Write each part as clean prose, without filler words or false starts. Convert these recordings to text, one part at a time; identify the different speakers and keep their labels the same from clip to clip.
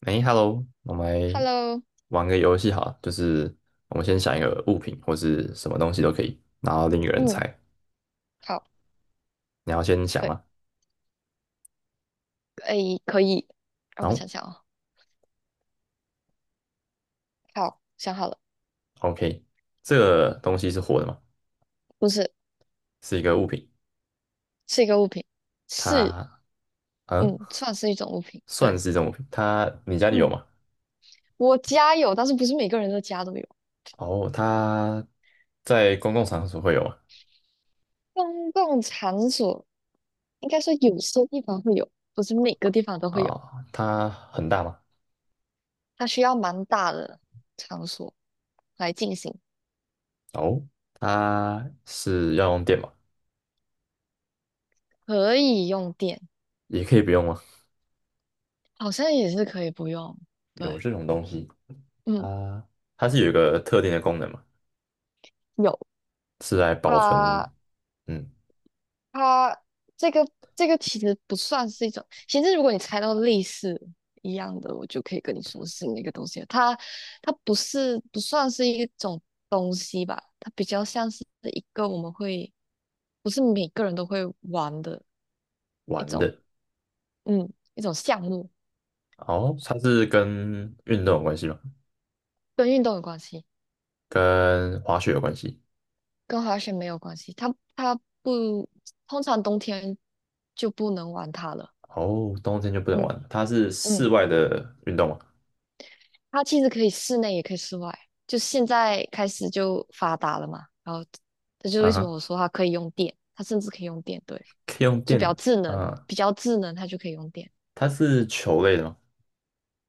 Speaker 1: 哎，Hello，我们来
Speaker 2: Hello，
Speaker 1: 玩个游戏好了，就是我们先想一个物品或是什么东西都可以，然后另一个人
Speaker 2: 嗯，
Speaker 1: 猜。
Speaker 2: 好，
Speaker 1: 你要先想
Speaker 2: 可以，
Speaker 1: 吗？
Speaker 2: 哎，可以，让
Speaker 1: 然
Speaker 2: 我
Speaker 1: 后
Speaker 2: 想想哦。好，想好了，
Speaker 1: OK，这个东西是活的吗？
Speaker 2: 不是，
Speaker 1: 是一个物品，
Speaker 2: 是一个物品，是，
Speaker 1: 它嗯，
Speaker 2: 嗯，算是一种物品。
Speaker 1: 算
Speaker 2: 对，
Speaker 1: 是一种物品。它你家里有
Speaker 2: 嗯，
Speaker 1: 吗？
Speaker 2: 我家有，但是不是每个人的家都有。
Speaker 1: 哦，它在公共场所会有吗？
Speaker 2: 公共场所应该说有些地方会有，不是每个地方都会有。
Speaker 1: 啊、它很大吗？
Speaker 2: 它需要蛮大的场所来进行，
Speaker 1: 哦，它是要用电吗？
Speaker 2: 可以用电，
Speaker 1: 也可以不用吗？
Speaker 2: 好像也是可以不用。
Speaker 1: 有
Speaker 2: 对，
Speaker 1: 这种东西，
Speaker 2: 嗯，
Speaker 1: 啊？它是有一个特定的功能吗？
Speaker 2: 有
Speaker 1: 是来保存
Speaker 2: 它。
Speaker 1: 嗯
Speaker 2: 它这个这个其实不算是一种，其实如果你猜到类似一样的，我就可以跟你说是那个东西了。它不是不算是一种东西吧，它比较像是一个我们会，不是每个人都会玩的一
Speaker 1: 玩
Speaker 2: 种，
Speaker 1: 的。
Speaker 2: 嗯，一种项目，
Speaker 1: 哦，它是跟运动有关系吗？
Speaker 2: 跟运动有关系，
Speaker 1: 跟滑雪有关系？
Speaker 2: 跟滑雪没有关系。它不，通常冬天就不能玩它了。
Speaker 1: 哦，冬天就不能玩
Speaker 2: 嗯
Speaker 1: 了，它是室
Speaker 2: 嗯。
Speaker 1: 外的运动吗？
Speaker 2: 它其实可以室内也可以室外，就现在开始就发达了嘛。然后这就是
Speaker 1: 啊
Speaker 2: 为什么
Speaker 1: 哈，
Speaker 2: 我说它可以用电，它甚至可以用电，对，
Speaker 1: 可以用
Speaker 2: 就比较
Speaker 1: 电。
Speaker 2: 智能，
Speaker 1: 啊，
Speaker 2: 比较智能，它就可以用电。
Speaker 1: 它是球类的吗？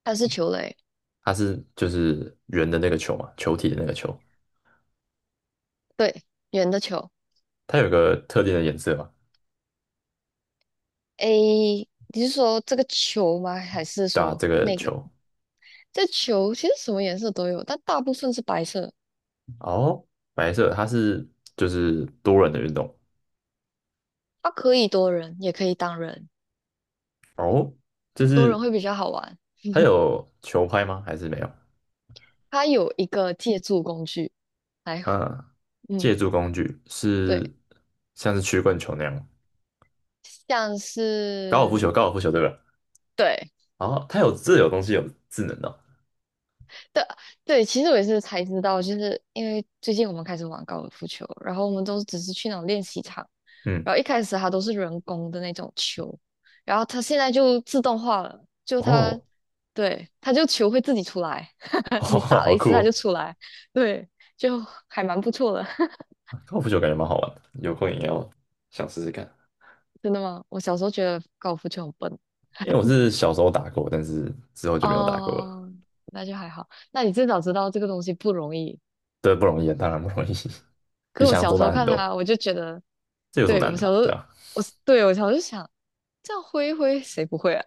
Speaker 2: 它是球类，
Speaker 1: 它是就是圆的那个球嘛，球体的那个球。
Speaker 2: 对，圆的球。
Speaker 1: 它有个特定的颜色嘛？
Speaker 2: 诶，你是说这个球吗？还是
Speaker 1: 对啊，
Speaker 2: 说
Speaker 1: 这个
Speaker 2: 那个？
Speaker 1: 球。
Speaker 2: 这球其实什么颜色都有，但大部分是白色。
Speaker 1: 哦，白色，它是就是多人的运动。
Speaker 2: 它可以多人，也可以单人，
Speaker 1: 哦，就
Speaker 2: 多人
Speaker 1: 是
Speaker 2: 会比较好玩。
Speaker 1: 它有球拍吗？还是没有？
Speaker 2: 它有一个借助工具来，
Speaker 1: 嗯，
Speaker 2: 嗯，
Speaker 1: 借助工具
Speaker 2: 对。
Speaker 1: 是像是曲棍球那样，
Speaker 2: 像
Speaker 1: 高尔夫
Speaker 2: 是
Speaker 1: 球，高尔夫球对吧？
Speaker 2: 对
Speaker 1: 哦，它有这有东西有智能的哦，
Speaker 2: 对对，其实我也是才知道，就是因为最近我们开始玩高尔夫球，然后我们都只是去那种练习场，
Speaker 1: 嗯，
Speaker 2: 然后一开始它都是人工的那种球，然后它现在就自动化了，就它，
Speaker 1: 哦，
Speaker 2: 对，它就球会自己出来，你打了
Speaker 1: 好
Speaker 2: 一
Speaker 1: 酷
Speaker 2: 次它就
Speaker 1: 哦，
Speaker 2: 出来，对，就还蛮不错的。
Speaker 1: 高尔夫球感觉蛮好玩的，有空也要想试试看。
Speaker 2: 真的吗？我小时候觉得高尔夫球很笨
Speaker 1: 因为我是小时候打过，但是之后就没有打过了。
Speaker 2: 哦，那就还好。那你至少知道这个东西不容易。
Speaker 1: 对，不容易啊，当然不容易，比
Speaker 2: 可我
Speaker 1: 想象
Speaker 2: 小
Speaker 1: 中
Speaker 2: 时候
Speaker 1: 难很
Speaker 2: 看
Speaker 1: 多。
Speaker 2: 它，我就觉得
Speaker 1: 这有什么
Speaker 2: 对，
Speaker 1: 难的？对啊，
Speaker 2: 我对我小时候想这样挥一挥，谁不会啊？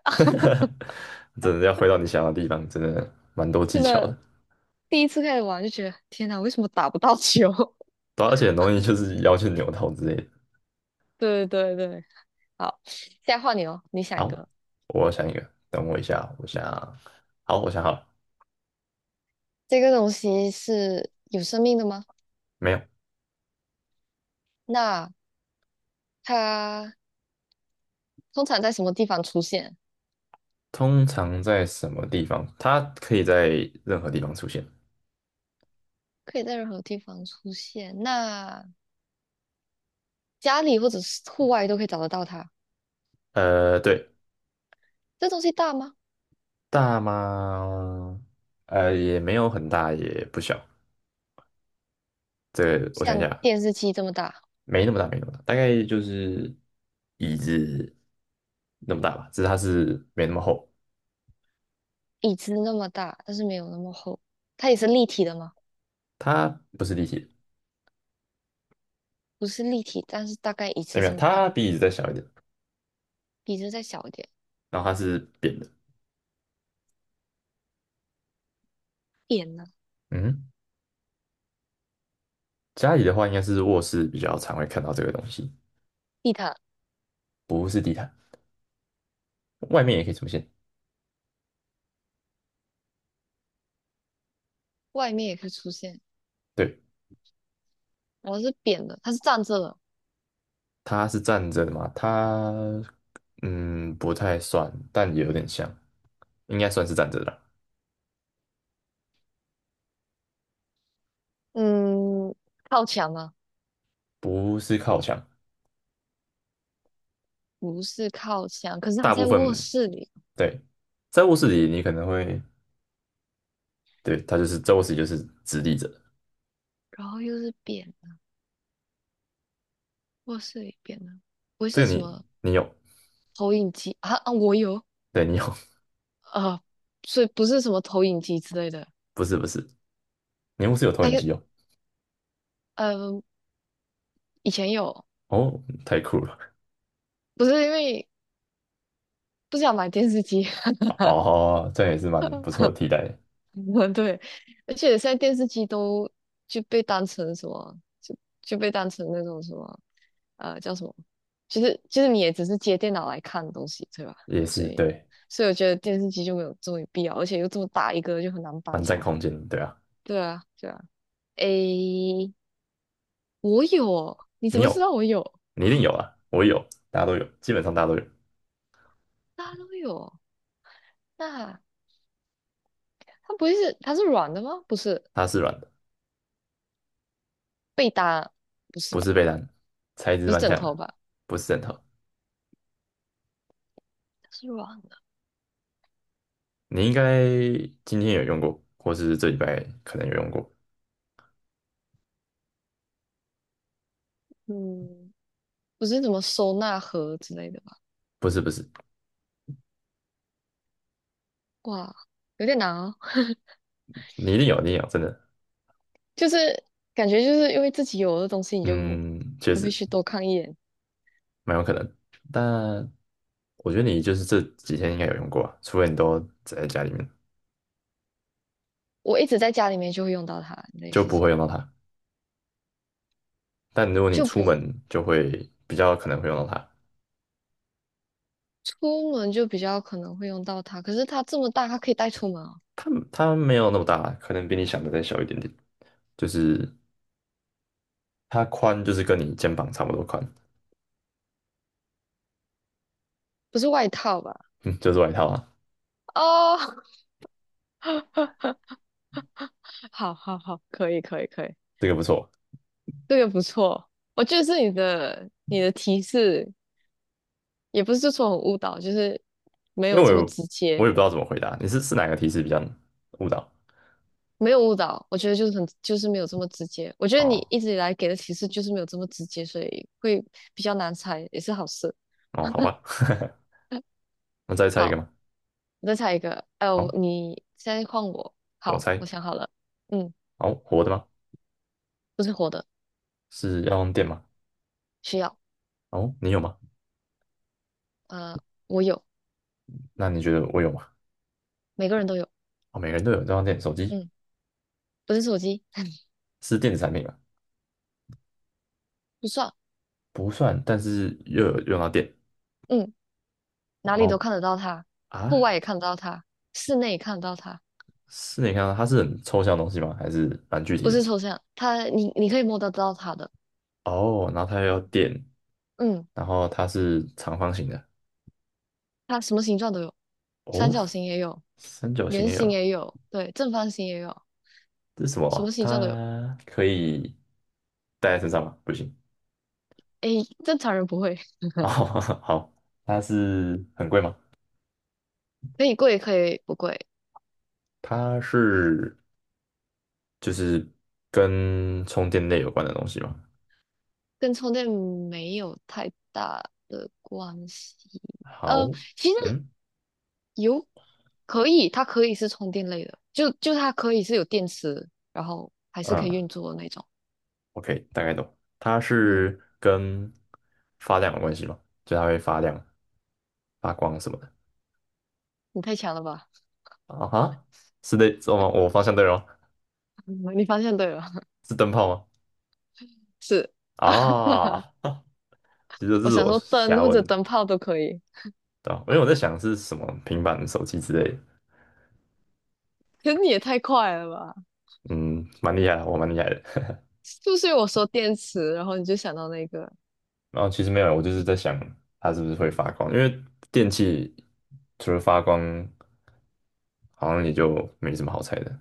Speaker 1: 真的要回到你想要的地方，真的蛮多 技
Speaker 2: 真
Speaker 1: 巧
Speaker 2: 的，
Speaker 1: 的。
Speaker 2: 第一次开始玩就觉得天哪，为什么打不到球？
Speaker 1: 对啊，而且很容易就是腰去扭头之类的。
Speaker 2: 对对对，好，现在换你哦，你想一
Speaker 1: 好，
Speaker 2: 个，
Speaker 1: 我想一个，等我一下，我想，好，我想好了，
Speaker 2: 这个东西是有生命的吗？
Speaker 1: 没有。
Speaker 2: 那它通常在什么地方出现？
Speaker 1: 通常在什么地方？它可以在任何地方出现。
Speaker 2: 可以在任何地方出现。那家里或者是户外都可以找得到它。
Speaker 1: 呃，对，
Speaker 2: 这东西大吗？
Speaker 1: 大吗？呃，也没有很大，也不小。这个我想一
Speaker 2: 像
Speaker 1: 下，
Speaker 2: 电视机这么大，
Speaker 1: 没那么大，没那么大，大概就是椅子那么大吧，只是它是没那么厚，
Speaker 2: 椅子那么大，但是没有那么厚。它也是立体的吗？
Speaker 1: 它不是立体的，
Speaker 2: 不是立体，但是大概椅
Speaker 1: 哎
Speaker 2: 子
Speaker 1: 没
Speaker 2: 这
Speaker 1: 有，
Speaker 2: 么大，
Speaker 1: 它比椅子再小一点，
Speaker 2: 椅子再小一点，
Speaker 1: 然后它是扁的。
Speaker 2: 扁的
Speaker 1: 嗯，家里的话应该是卧室比较常会看到这个东西。
Speaker 2: 地毯
Speaker 1: 不是地毯，外面也可以出现。
Speaker 2: 外面也可以出现。
Speaker 1: 对，
Speaker 2: 我是扁的，它是站着的，
Speaker 1: 它是站着的嘛？它嗯不太算，但也有点像，应该算是站着的啦，
Speaker 2: 嗯，靠墙吗？
Speaker 1: 不是靠墙。
Speaker 2: 不是靠墙，可是它
Speaker 1: 大部
Speaker 2: 在卧
Speaker 1: 分
Speaker 2: 室里，
Speaker 1: 对，在卧室里你可能会，对，它就是在卧室里就是直立着的，
Speaker 2: 然后又是扁的，卧室里扁的，不会是
Speaker 1: 这个
Speaker 2: 什
Speaker 1: 你
Speaker 2: 么
Speaker 1: 你有，
Speaker 2: 投影机啊啊，我有
Speaker 1: 对，你有，
Speaker 2: 啊，所以不是什么投影机之类的，
Speaker 1: 不是不是，你卧室有投
Speaker 2: 还
Speaker 1: 影
Speaker 2: 有
Speaker 1: 机哦。
Speaker 2: 呃，以前有，
Speaker 1: 哦，太酷了！
Speaker 2: 不是因为不想买电视机。
Speaker 1: 哦，这样也是蛮不 错的替代，
Speaker 2: 对，而且现在电视机都就被当成什么，就被当成那种什么，叫什么，就是你也只是接电脑来看东西，对吧？
Speaker 1: 也
Speaker 2: 所
Speaker 1: 是
Speaker 2: 以
Speaker 1: 对，
Speaker 2: 所以我觉得电视机就没有这么必要，而且又这么大一个，就很难搬
Speaker 1: 蛮占
Speaker 2: 家。
Speaker 1: 空间的，对啊。
Speaker 2: 对啊，对啊。诶，我有哦你怎
Speaker 1: 你
Speaker 2: 么知
Speaker 1: 有，
Speaker 2: 道我有？
Speaker 1: 你一定 有啊，我有，大家都有，基本上大家都有。
Speaker 2: 大家都有哦那它是软的吗？不是
Speaker 1: 它是软的，
Speaker 2: 被单，不是
Speaker 1: 不
Speaker 2: 吧？
Speaker 1: 是被单，材质
Speaker 2: 不是
Speaker 1: 蛮
Speaker 2: 枕
Speaker 1: 像的，
Speaker 2: 头吧？
Speaker 1: 不是枕头。
Speaker 2: 它是软的。
Speaker 1: 你应该今天有用过，或是这礼拜可能有用过。
Speaker 2: 嗯，不是什么收纳盒之类的吧？
Speaker 1: 不是不是，
Speaker 2: 哇，有点难哦。
Speaker 1: 你一定有，你一定有，真的。
Speaker 2: 就是感觉就是因为自己有的东西，你就
Speaker 1: 嗯，确
Speaker 2: 不会
Speaker 1: 实
Speaker 2: 去多看一眼。
Speaker 1: 蛮有可能。但我觉得你就是这几天应该有用过啊，除非你都宅在家里面，
Speaker 2: 我一直在家里面就会用到它，类
Speaker 1: 就
Speaker 2: 似
Speaker 1: 不会
Speaker 2: 是
Speaker 1: 用到它。但如果你
Speaker 2: 就
Speaker 1: 出
Speaker 2: 不
Speaker 1: 门，就会比较可能会用到它。
Speaker 2: 出门就比较可能会用到它。可是它这么大，它可以带出门哦，
Speaker 1: 它它没有那么大，可能比你想的再小一点点。就是它宽，就是跟你肩膀差不多宽。
Speaker 2: 不是外套吧？
Speaker 1: 嗯，就是外套啊，
Speaker 2: 哦，好好好，可以可以可以，
Speaker 1: 这个不错。
Speaker 2: 这个不错。我觉得是你的提示，也不是说很误导，就是没
Speaker 1: 因
Speaker 2: 有
Speaker 1: 为我
Speaker 2: 这么
Speaker 1: 有，
Speaker 2: 直
Speaker 1: 我
Speaker 2: 接。
Speaker 1: 也不知道怎么回答，你是是哪个提示比较误导？
Speaker 2: 没有误导，我觉得就是很就是没有这么直接。我觉得你
Speaker 1: 哦，
Speaker 2: 一直以来给的提示就是没有这么直接，所以会比较难猜，也是好事。
Speaker 1: 哦，好吧，那再猜一个
Speaker 2: 好，
Speaker 1: 吗？
Speaker 2: 你再猜一个。哎、我
Speaker 1: 好，
Speaker 2: 你现在换我。
Speaker 1: 我
Speaker 2: 好，我
Speaker 1: 猜，
Speaker 2: 想好了。嗯，
Speaker 1: 好，活的吗？
Speaker 2: 不是活的，
Speaker 1: 是要用电吗？
Speaker 2: 需要。
Speaker 1: 哦，你有吗？
Speaker 2: 呃，我有，
Speaker 1: 那你觉得我有吗？
Speaker 2: 每个人都有。
Speaker 1: 哦，每个人都有，这样电，手机
Speaker 2: 嗯，不是手机，
Speaker 1: 是电子产品吗？
Speaker 2: 不算。
Speaker 1: 不算，但是又有用到电。
Speaker 2: 嗯，哪
Speaker 1: 然
Speaker 2: 里都
Speaker 1: 后
Speaker 2: 看得到它，户
Speaker 1: 啊，
Speaker 2: 外也看得到它，室内也看得到它，
Speaker 1: 是你看到它是很抽象的东西吗？还是蛮具体
Speaker 2: 不
Speaker 1: 的？
Speaker 2: 是抽象，它你可以摸得到它的。
Speaker 1: 哦，然后它又要电，
Speaker 2: 嗯，
Speaker 1: 然后它是长方形的。
Speaker 2: 它什么形状都有，三
Speaker 1: 哦，
Speaker 2: 角形也有。
Speaker 1: 三角形
Speaker 2: 圆
Speaker 1: 也
Speaker 2: 形
Speaker 1: 有。
Speaker 2: 也有，对，正方形也有，
Speaker 1: 这是什么
Speaker 2: 什
Speaker 1: 啊，
Speaker 2: 么形状都有。
Speaker 1: 它可以带在身上吗？不行。
Speaker 2: 诶，正常人不会，
Speaker 1: 哦，好，它是很贵吗？
Speaker 2: 可以贵可以不贵，
Speaker 1: 它是就是跟充电类有关的东西吗？
Speaker 2: 跟充电没有太大的关系。
Speaker 1: 好，
Speaker 2: 呃，其实
Speaker 1: 嗯
Speaker 2: 有可以，它可以是充电类的，就它可以是有电池，然后还是可以
Speaker 1: 啊
Speaker 2: 运作的那种。
Speaker 1: OK 大概懂。它
Speaker 2: 嗯，
Speaker 1: 是跟发亮有关系吗？就它会发亮、发光什么的。
Speaker 2: 你太强了吧？
Speaker 1: 啊哈，是的，是吗？我方向对了吗？
Speaker 2: 你方向对了，
Speaker 1: 是灯泡吗？
Speaker 2: 是，
Speaker 1: 啊，其实这
Speaker 2: 我
Speaker 1: 是
Speaker 2: 想
Speaker 1: 我
Speaker 2: 说灯
Speaker 1: 瞎
Speaker 2: 或者
Speaker 1: 问的，
Speaker 2: 灯泡都可以，
Speaker 1: 对吧，因为我在想是什么平板、手机之类的。
Speaker 2: 可是你也太快了吧？
Speaker 1: 嗯，蛮厉害的，我蛮厉害的。
Speaker 2: 就是不是我说电池，然后你就想到那个？
Speaker 1: 然后其实没有，我就是在想它是不是会发光，因为电器除了发光，好像也就没什么好猜的。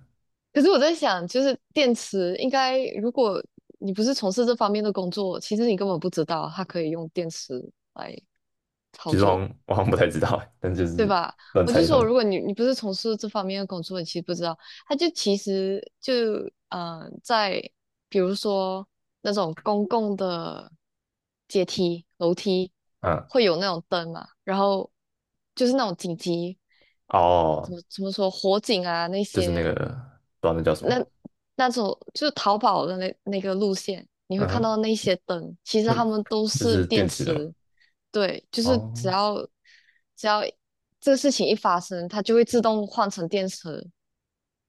Speaker 2: 可是我在想，就是电池应该，如果你不是从事这方面的工作，其实你根本不知道它可以用电池来操
Speaker 1: 其实我好
Speaker 2: 作，
Speaker 1: 像，我好像不太知道欸，但就
Speaker 2: 对
Speaker 1: 是
Speaker 2: 吧？
Speaker 1: 乱
Speaker 2: 我
Speaker 1: 猜
Speaker 2: 就
Speaker 1: 一通。
Speaker 2: 说，如果你不是从事这方面的工作，你其实不知道，它就其实就在比如说那种公共的阶梯、楼梯
Speaker 1: 嗯，
Speaker 2: 会有那种灯嘛，然后就是那种紧急怎
Speaker 1: 哦，
Speaker 2: 么怎么说火警啊那
Speaker 1: 就是那个，
Speaker 2: 些
Speaker 1: 不知道那叫什么，
Speaker 2: 那那种就是淘宝的那个路线，你会
Speaker 1: 嗯
Speaker 2: 看
Speaker 1: 哼，
Speaker 2: 到那些灯，其实
Speaker 1: 那
Speaker 2: 它们都
Speaker 1: 就
Speaker 2: 是
Speaker 1: 是
Speaker 2: 电
Speaker 1: 电池的嘛。
Speaker 2: 池。对，就是只
Speaker 1: 哦，
Speaker 2: 要只要这个事情一发生，它就会自动换成电池，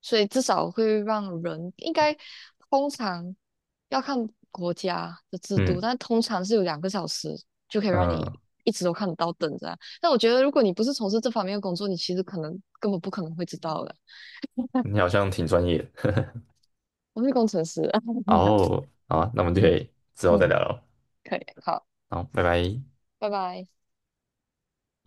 Speaker 2: 所以至少会让人应该通常要看国家的制度，
Speaker 1: 嗯
Speaker 2: 但通常是有2个小时就可以让你
Speaker 1: 嗯，
Speaker 2: 一直都看得到灯这样。但我觉得如果你不是从事这方面的工作，你其实可能根本不可能会知道的。
Speaker 1: 你好像挺专业的。
Speaker 2: 我是工程师，
Speaker 1: 哦，好啊，那我 们就可
Speaker 2: 嗯
Speaker 1: 以之后再
Speaker 2: 嗯，
Speaker 1: 聊了。
Speaker 2: 可以，好。
Speaker 1: 好，拜拜。
Speaker 2: 拜拜。